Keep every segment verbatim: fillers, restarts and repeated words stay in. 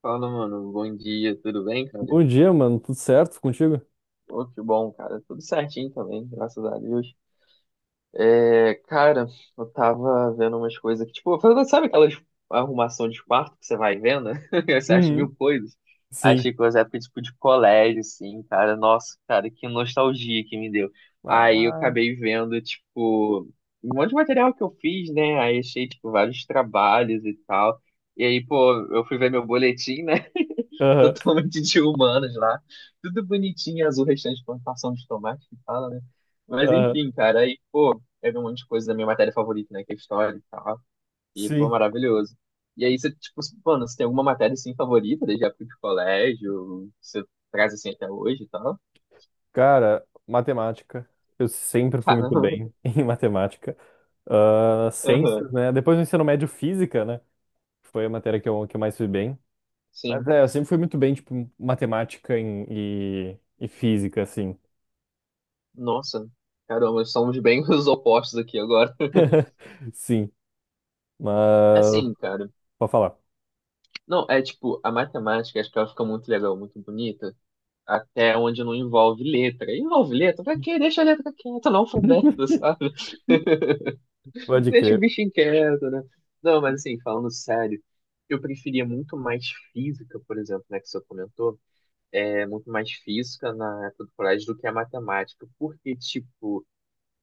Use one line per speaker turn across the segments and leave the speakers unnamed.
Fala, mano. Bom dia, tudo bem, cara?
Bom dia, mano. Tudo certo contigo?
Pô, que bom, cara. Tudo certinho também, graças a Deus. É, cara, eu tava vendo umas coisas que, tipo, sabe aquelas arrumação de quarto que você vai vendo? Você acha
Uhum.
mil coisas.
Sim.
Achei coisa época, tipo, de colégio, assim, cara. Nossa, cara, que nostalgia que me deu. Aí eu
Ah.
acabei vendo, tipo, um monte de material que eu fiz, né? Aí achei, tipo, vários trabalhos e tal. E aí, pô, eu fui ver meu boletim, né?
Aham.
totalmente de humanos lá. Tudo bonitinho, azul, restante de plantação de tomate que fala, né? Mas
Aham.
enfim, cara, aí, pô, eu um monte de coisa da minha matéria favorita, né? Que é história e tal. E foi
Sim.
maravilhoso. E aí você, tipo, mano, você tem alguma matéria assim favorita desde a época de colégio? Você traz assim até hoje e tal?
Cara, matemática. Eu sempre fui muito
Caramba.
bem em matemática. Ah, ciências,
Aham.
né? Depois do ensino médio, física, né? Foi a matéria que eu, que eu mais fui bem. Mas
Sim.
é, eu sempre fui muito bem, tipo, matemática em- e, e física, assim.
Nossa. Caramba, somos bem os opostos aqui agora.
Sim. Mas,
Assim, cara.
pode falar.
Não, é tipo, a matemática, acho que ela fica muito legal, muito bonita até onde não envolve letra. Envolve letra? Pra quê? Deixa a letra quieta não alfabeto, sabe?
Pode
Deixa o
crer.
bicho quieto, né? Não, mas assim, falando sério, eu preferia muito mais física, por exemplo, né, que você comentou, é muito mais física na época do colégio do que a matemática, porque, tipo,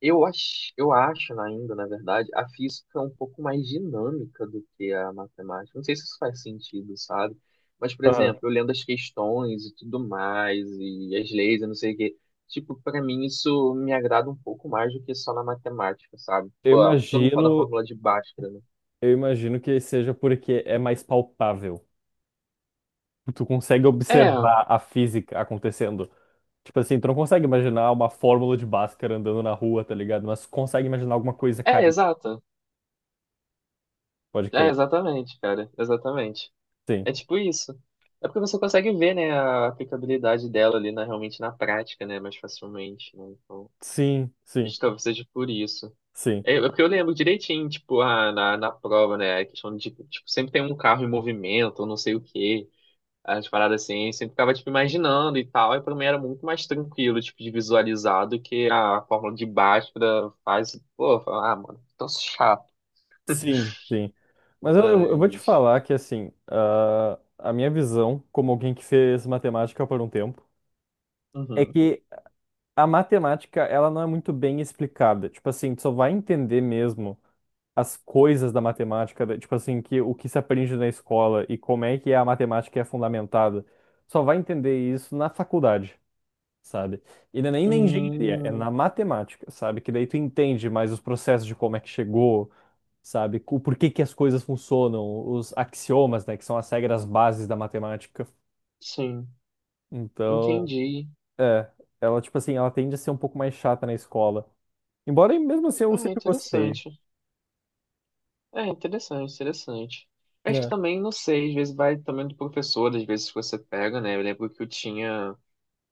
eu acho, eu acho na- ainda, na verdade, a física é um pouco mais dinâmica do que a matemática. Não sei se isso faz sentido, sabe? Mas, por
Aham.
exemplo, eu lendo as questões e tudo mais, e as leis, eu não sei o quê. Tipo, pra mim isso me agrada um pouco mais do que só na matemática, sabe?
Eu
Pô, todo mundo fala da
imagino,
fórmula de Bhaskara, né?
eu imagino que seja porque é mais palpável. Tu consegue
É,
observar a física acontecendo. Tipo assim, tu não consegue imaginar uma fórmula de Bhaskara andando na rua, tá ligado? Mas consegue imaginar alguma coisa
é,
caindo,
exato.
pode
É,
crer.
exatamente, cara. Exatamente.
Sim,
É tipo isso. É porque você consegue ver, né, a aplicabilidade dela ali na, realmente na prática, né, mais facilmente, né? Então...
sim,
Acho
sim,
que talvez seja por isso.
sim,
É, é porque eu lembro direitinho, tipo, ah, na, na prova, né? A questão de, tipo, sempre tem um carro em movimento, ou não sei o quê, as paradas assim, eu sempre ficava, tipo, imaginando e tal. E pra mim era muito mais tranquilo, tipo, de visualizar do que a fórmula de Bhaskara faz. Pô, fala, ah, mano, tão chato.
sim, sim. Mas eu, eu eu vou te
Mas.
falar que, assim, ah, a minha visão, como alguém que fez matemática por um tempo, é
Uhum.
que a matemática, ela não é muito bem explicada. Tipo assim, tu só vai entender mesmo as coisas da matemática, da- tipo assim, que o que se aprende na escola e como é que a matemática é fundamentada, só vai entender isso na faculdade, sabe? E não é nem na engenharia, é
Hum,
na matemática, sabe? Que daí tu entende mais os processos de como é que chegou, sabe? O porquê que as coisas funcionam, os axiomas, né, que são as regras bases da matemática.
sim,
Então,
entendi.
é, ela, tipo assim, ela tende a ser um pouco mais chata na escola. Embora, mesmo assim, eu
Ah,
sempre gostei.
interessante. É interessante, interessante. Acho que
É,
também, não sei, às vezes vai também do professor, às vezes você pega, né? Eu lembro que eu tinha,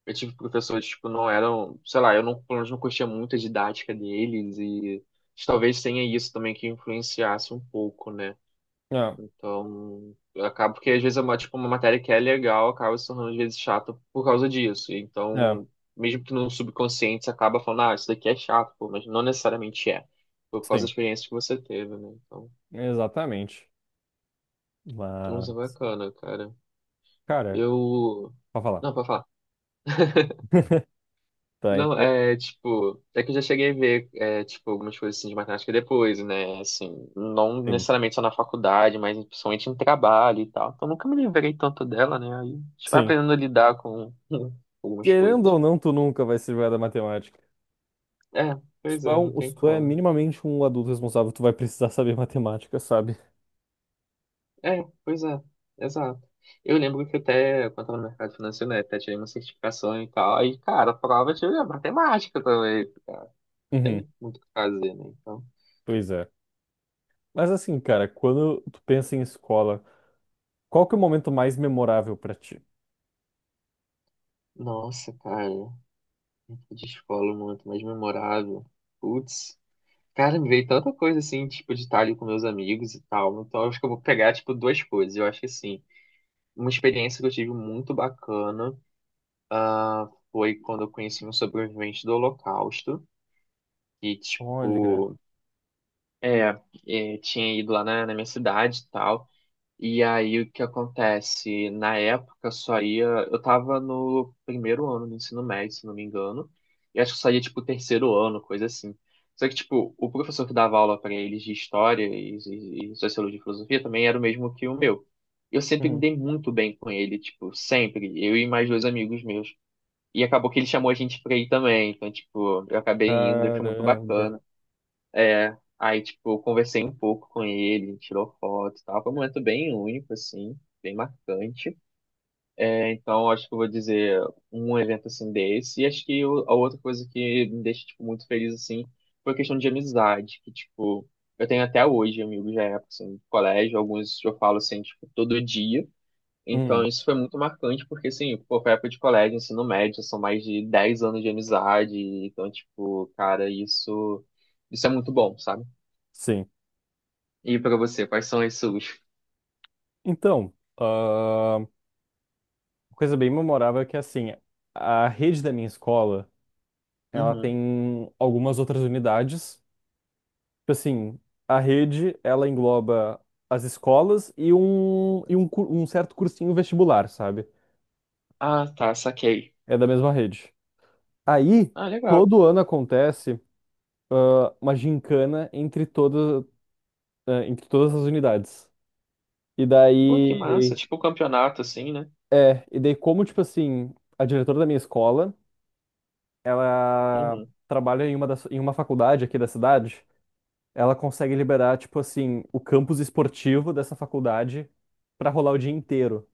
eu tive professores, que tipo, não eram, sei lá, eu não, pelo menos não curtia muito a didática deles e talvez tenha isso também que influenciasse um pouco, né?
é,
Então, acaba porque às vezes é uma, tipo, uma matéria que é legal, acaba se tornando às vezes chata por causa disso.
é,
Então, mesmo que no subconsciente você acaba falando, ah, isso daqui é chato, pô, mas não necessariamente é, por causa da
sim,
experiência que você teve, né? Então,
exatamente.
nossa,
Mas,
bacana, cara.
cara,
Eu.
pode falar.
Não, pode falar.
Tá,
Não,
então,
é tipo. É que eu já cheguei a ver, é, tipo, algumas coisas assim de matemática depois, né? Assim, não
sim.
necessariamente só na faculdade, mas principalmente em trabalho e tal. Então nunca me livrei tanto dela, né? Aí a gente vai
Sim.
aprendendo a lidar com algumas
Querendo ou
coisas.
não, tu nunca vai se livrar da matemática.
É,
Se
pois
tu é,
é, não
um- se
tem
tu é
como.
minimamente um adulto responsável, tu vai precisar saber matemática, sabe?
É, pois é, exato. Eu lembro que até, quando eu tava no mercado financeiro, né, até tirei uma certificação e tal. Aí, cara, a prova tinha matemática também. Cara.
Uhum.
Tem muito o que fazer, né? Então.
Pois é. Mas assim, cara, quando tu pensa em escola, qual que é o momento mais memorável pra ti?
Nossa, cara, época de escola, um momento mais memorável. Putz, cara, me veio tanta coisa assim, tipo, de estar ali com meus amigos e tal. Então, eu acho que eu vou pegar, tipo, duas coisas. Eu acho que, assim, uma experiência que eu tive muito bacana foi quando eu conheci um sobrevivente do Holocausto, que,
Olha, cara.
tipo, é, é, tinha ido lá na, na minha cidade e tal. E aí o que acontece? Na época só ia. Eu tava no primeiro ano do ensino médio, se não me engano. E acho que só ia tipo terceiro ano, coisa assim. Só que, tipo, o professor que dava aula pra eles de história e, e, e sociologia e filosofia também era o mesmo que o meu. Eu sempre me
Uhum.
dei muito bem com ele, tipo, sempre. Eu e mais dois amigos meus. E acabou que ele chamou a gente pra ir também. Então, tipo, eu acabei indo e foi muito
Caramba.
bacana. É, aí, tipo, eu conversei um pouco com ele, a gente tirou foto e tal. Foi um momento bem único, assim, bem marcante. É, então, acho que eu vou dizer um evento, assim, desse. E acho que o- a outra coisa que me deixa, tipo, muito feliz, assim, foi a questão de amizade, que, tipo, eu tenho até hoje amigos da época, assim, do colégio. Alguns eu falo, assim, tipo, todo dia. Então,
Hum,
isso foi muito marcante, porque, assim, pô, foi época de colégio, ensino médio, são mais de dez anos de amizade. Então, tipo, cara, isso... Isso é muito bom, sabe?
sim.
E pra você, quais são as suas?
Então, ah, uma coisa bem memorável é que assim, a rede da minha escola Ela
Uhum.
tem algumas outras unidades. Tipo assim, a rede, ela engloba as escolas e um, e um, cu- um certo cursinho vestibular, sabe?
Ah, tá, saquei.
É da mesma rede. Aí,
Ah, legal.
todo ano acontece ah, uma gincana entre todas, ah, entre todas as unidades. E
Pô, que massa.
daí,
Tipo um campeonato, assim, né?
é, e daí como, tipo assim, a diretora da minha escola, ela
Uhum.
trabalha em uma, das, em uma faculdade aqui da cidade. Ela consegue liberar, tipo assim, o campus esportivo dessa faculdade pra rolar o dia inteiro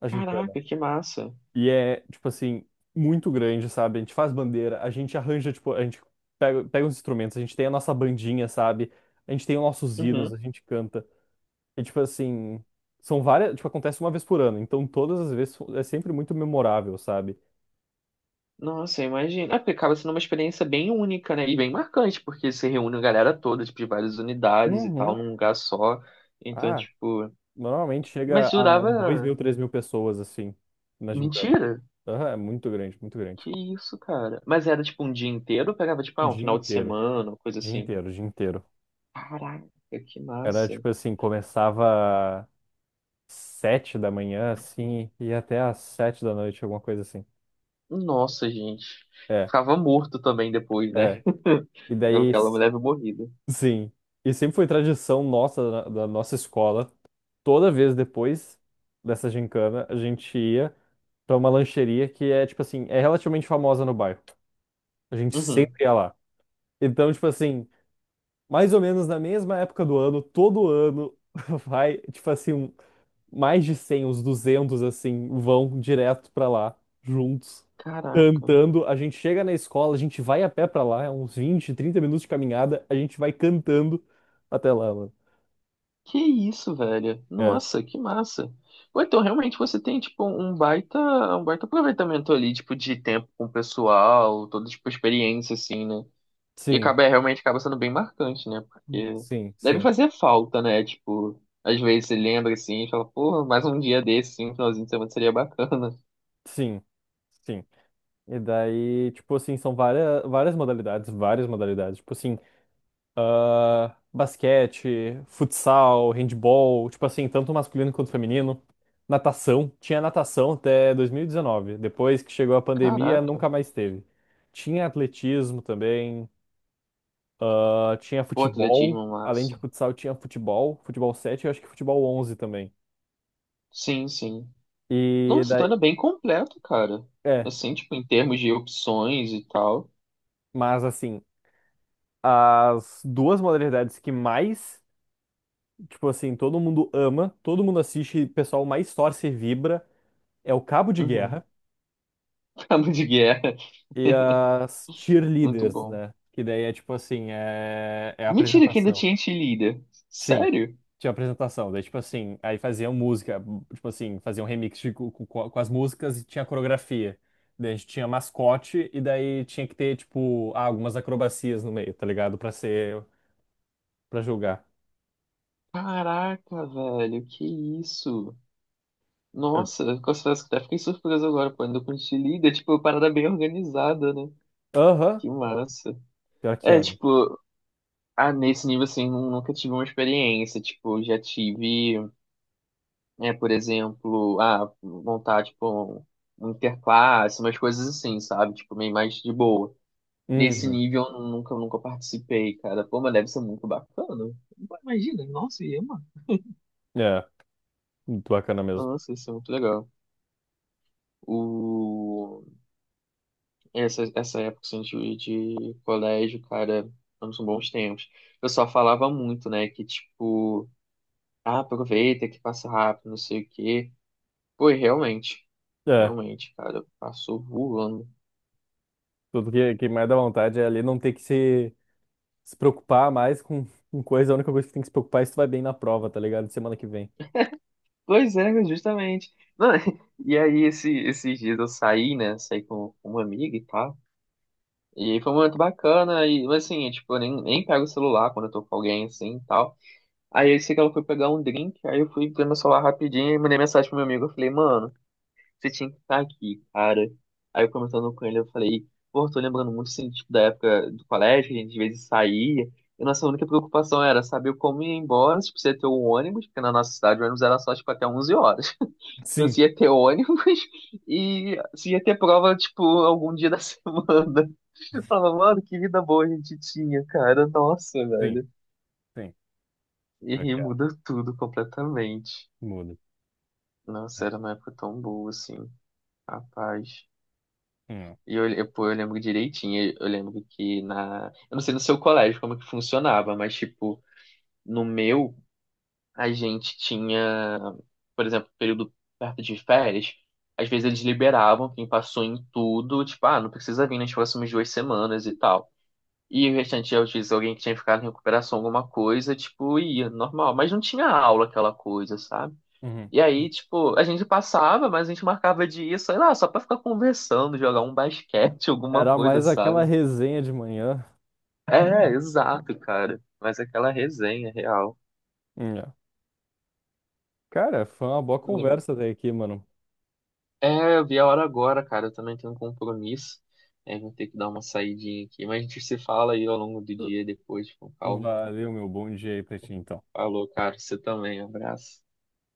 a gincana.
Caraca, que massa.
E é, tipo assim, muito grande, sabe? A gente faz bandeira, a gente arranja, tipo, a gente pega, pega os instrumentos, a gente tem a nossa bandinha, sabe? A gente tem os nossos hinos,
Uhum.
a gente canta. E, tipo assim, são várias, tipo, acontece uma vez por ano, então todas as vezes é sempre muito memorável, sabe?
Nossa, imagina. Ah, porque acaba sendo uma experiência bem única, né? E bem marcante, porque se reúne a galera toda, tipo, de várias unidades e tal,
Uhum.
num lugar só. Então,
Ah,
tipo.
normalmente
E,
chega
Mas
a dois
durava.
mil, três mil pessoas, assim, na gincana.
Mentira!
Aham, é muito grande, muito grande.
Que isso, cara? Mas era tipo um dia inteiro ou pegava, tipo, ah, um
Dia
final de
inteiro,
semana, uma coisa
dia
assim?
inteiro, dia inteiro.
Caraca, que
Era
massa.
tipo assim, começava sete da manhã, assim, e ia até às sete da noite, alguma coisa assim.
Nossa, gente.
É,
Ficava morto também depois, né?
é. E
Lembro
daí,
que ela me
s-
leva morrida.
sim. E sempre foi tradição nossa, da, da nossa escola, toda vez depois dessa gincana, a gente ia pra uma lancheria que é, tipo assim, é relativamente famosa no bairro. A gente
Uhum.
sempre ia lá. Então, tipo assim, mais ou menos na mesma época do ano, todo ano, vai, tipo assim, um mais de cem, uns duzentos assim, vão direto pra lá, juntos,
Caraca.
cantando. A gente chega na escola, a gente vai a pé pra lá, é uns vinte, trinta minutos de caminhada, a gente vai cantando até lá, mano.
Que isso, velho?
É,
Nossa, que massa. Ou então, realmente, você tem, tipo, um baita, um baita aproveitamento ali, tipo, de tempo com o pessoal, toda, tipo, experiência, assim, né? E
sim,
acaba, é, realmente, acaba sendo bem marcante, né? Porque
sim,
deve
sim,
fazer falta, né? Tipo, às vezes você lembra, assim, e fala, pô, mais um dia desse, assim, um finalzinho de semana seria bacana.
sim, sim. E daí, tipo assim, são várias, várias modalidades, várias modalidades. Tipo assim, ah, basquete, futsal, handball, tipo assim, tanto masculino quanto feminino. Natação, tinha natação até dois mil e dezenove. Depois que chegou a pandemia,
Caraca.
nunca mais teve. Tinha atletismo também, ah, tinha
Pô,
futebol.
atletismo
Além de
massa.
futsal, tinha futebol, futebol sete, e eu acho que futebol onze também.
Sim, sim.
E
Nossa, então
daí,
era bem completo, cara.
é,
Assim, tipo, em termos de opções e tal.
mas assim, as duas modalidades que mais, tipo assim, todo mundo ama, todo mundo assiste, e o pessoal mais torce e vibra é o cabo de
Uhum.
guerra
Cabo de guerra.
E as
Muito
cheerleaders,
bom.
né? Que daí é tipo assim, é, é a
Mentira que ainda
apresentação.
tinha cheerleader.
Sim,
Sério?
tinha apresentação. Daí, tipo assim, aí faziam música, tipo assim, faziam remix de- com, com- com as músicas e tinha coreografia. Daí a gente tinha mascote e daí tinha que ter, tipo, ah, algumas acrobacias no meio, tá ligado? Pra ser, pra julgar.
Caraca, velho, que isso? Nossa, confesso que até fiquei surpreso agora, pô, ainda com cheerleader, tipo, uma parada bem organizada, né?
Aham,
Que massa.
pior que é.
É,
mano.
tipo, ah, nesse nível, assim, nu- nunca tive uma experiência, tipo, já tive. É, por exemplo, ah, montar tipo um, um interclasse, umas coisas assim, sabe? Tipo, meio mais de boa. Nesse
Uhum.
nível eu nunca, nunca participei, cara. Pô, mas deve ser muito bacana. Pô, imagina, nossa, ia, mano.
É, muito bacana mesmo.
Nossa, isso é muito legal. O... Essa, essa época assim, de, de colégio, cara, foram bons tempos. O pessoal falava muito, né? Que tipo, ah, aproveita que passa rápido, não sei o quê. Pô, e realmente,
É,
realmente, cara, passou voando.
tudo que, que mais dá vontade é ali não ter que se se preocupar mais com, com coisa, a única coisa que tem que se preocupar é se tu vai bem na prova, tá ligado? de Semana que vem.
Pois é, né, justamente. Não, e aí, esse, esses dias eu saí, né? Saí com, com uma amiga e tal. E aí foi muito bacana. E, mas assim, tipo, eu nem, nem pego o celular quando eu tô com alguém assim e tal. Aí eu sei que ela foi pegar um drink. Aí eu fui ver meu celular rapidinho e mandei mensagem pro meu amigo. Eu falei, mano, você tinha que estar aqui, cara. Aí eu comentando com ele, eu falei, pô, tô lembrando muito assim, tipo, da época do colégio, que a gente às vezes saía. E nossa única preocupação era saber como ir embora, se precisa ter um ônibus, porque na nossa cidade o ônibus era só, tipo, até onze horas. Então,
Sim,
se ia ter ônibus e se ia ter prova, tipo, algum dia da semana. Eu falava, mano, que vida boa a gente tinha, cara. Nossa,
sim,
velho.
sim.
E
Eu
aí
quero.
muda tudo completamente.
Muda.
Nossa,
É.
era uma época tão boa, assim. Rapaz.
Hum,
E eu, eu, pô, eu lembro direitinho. Eu lembro que na. Eu não sei no seu colégio como que funcionava, mas, tipo, no meu a gente tinha, por exemplo, período perto de férias, às vezes eles liberavam quem passou em tudo, tipo, ah, não precisa vir nas próximas duas semanas e tal. E o restante, às vezes, alguém que tinha ficado em recuperação, alguma coisa, tipo, ia, normal. Mas não tinha aula, aquela coisa, sabe?
uhum.
E aí, tipo, a gente passava, mas a gente marcava de ir, sei lá, só pra ficar conversando, jogar um basquete, alguma
Era
coisa,
mais aquela
sabe?
resenha de manhã.
É, exato, cara. Mas aquela resenha real.
Hum, é. Cara, foi uma boa conversa até aqui, mano.
É, eu vi a hora agora, cara. Eu também tenho um compromisso. É, vou ter que dar uma saidinha aqui. Mas a gente se fala aí ao longo do dia depois, com calma.
Valeu, meu bom dia aí pra ti, então.
Falou, cara. Você também. Um abraço.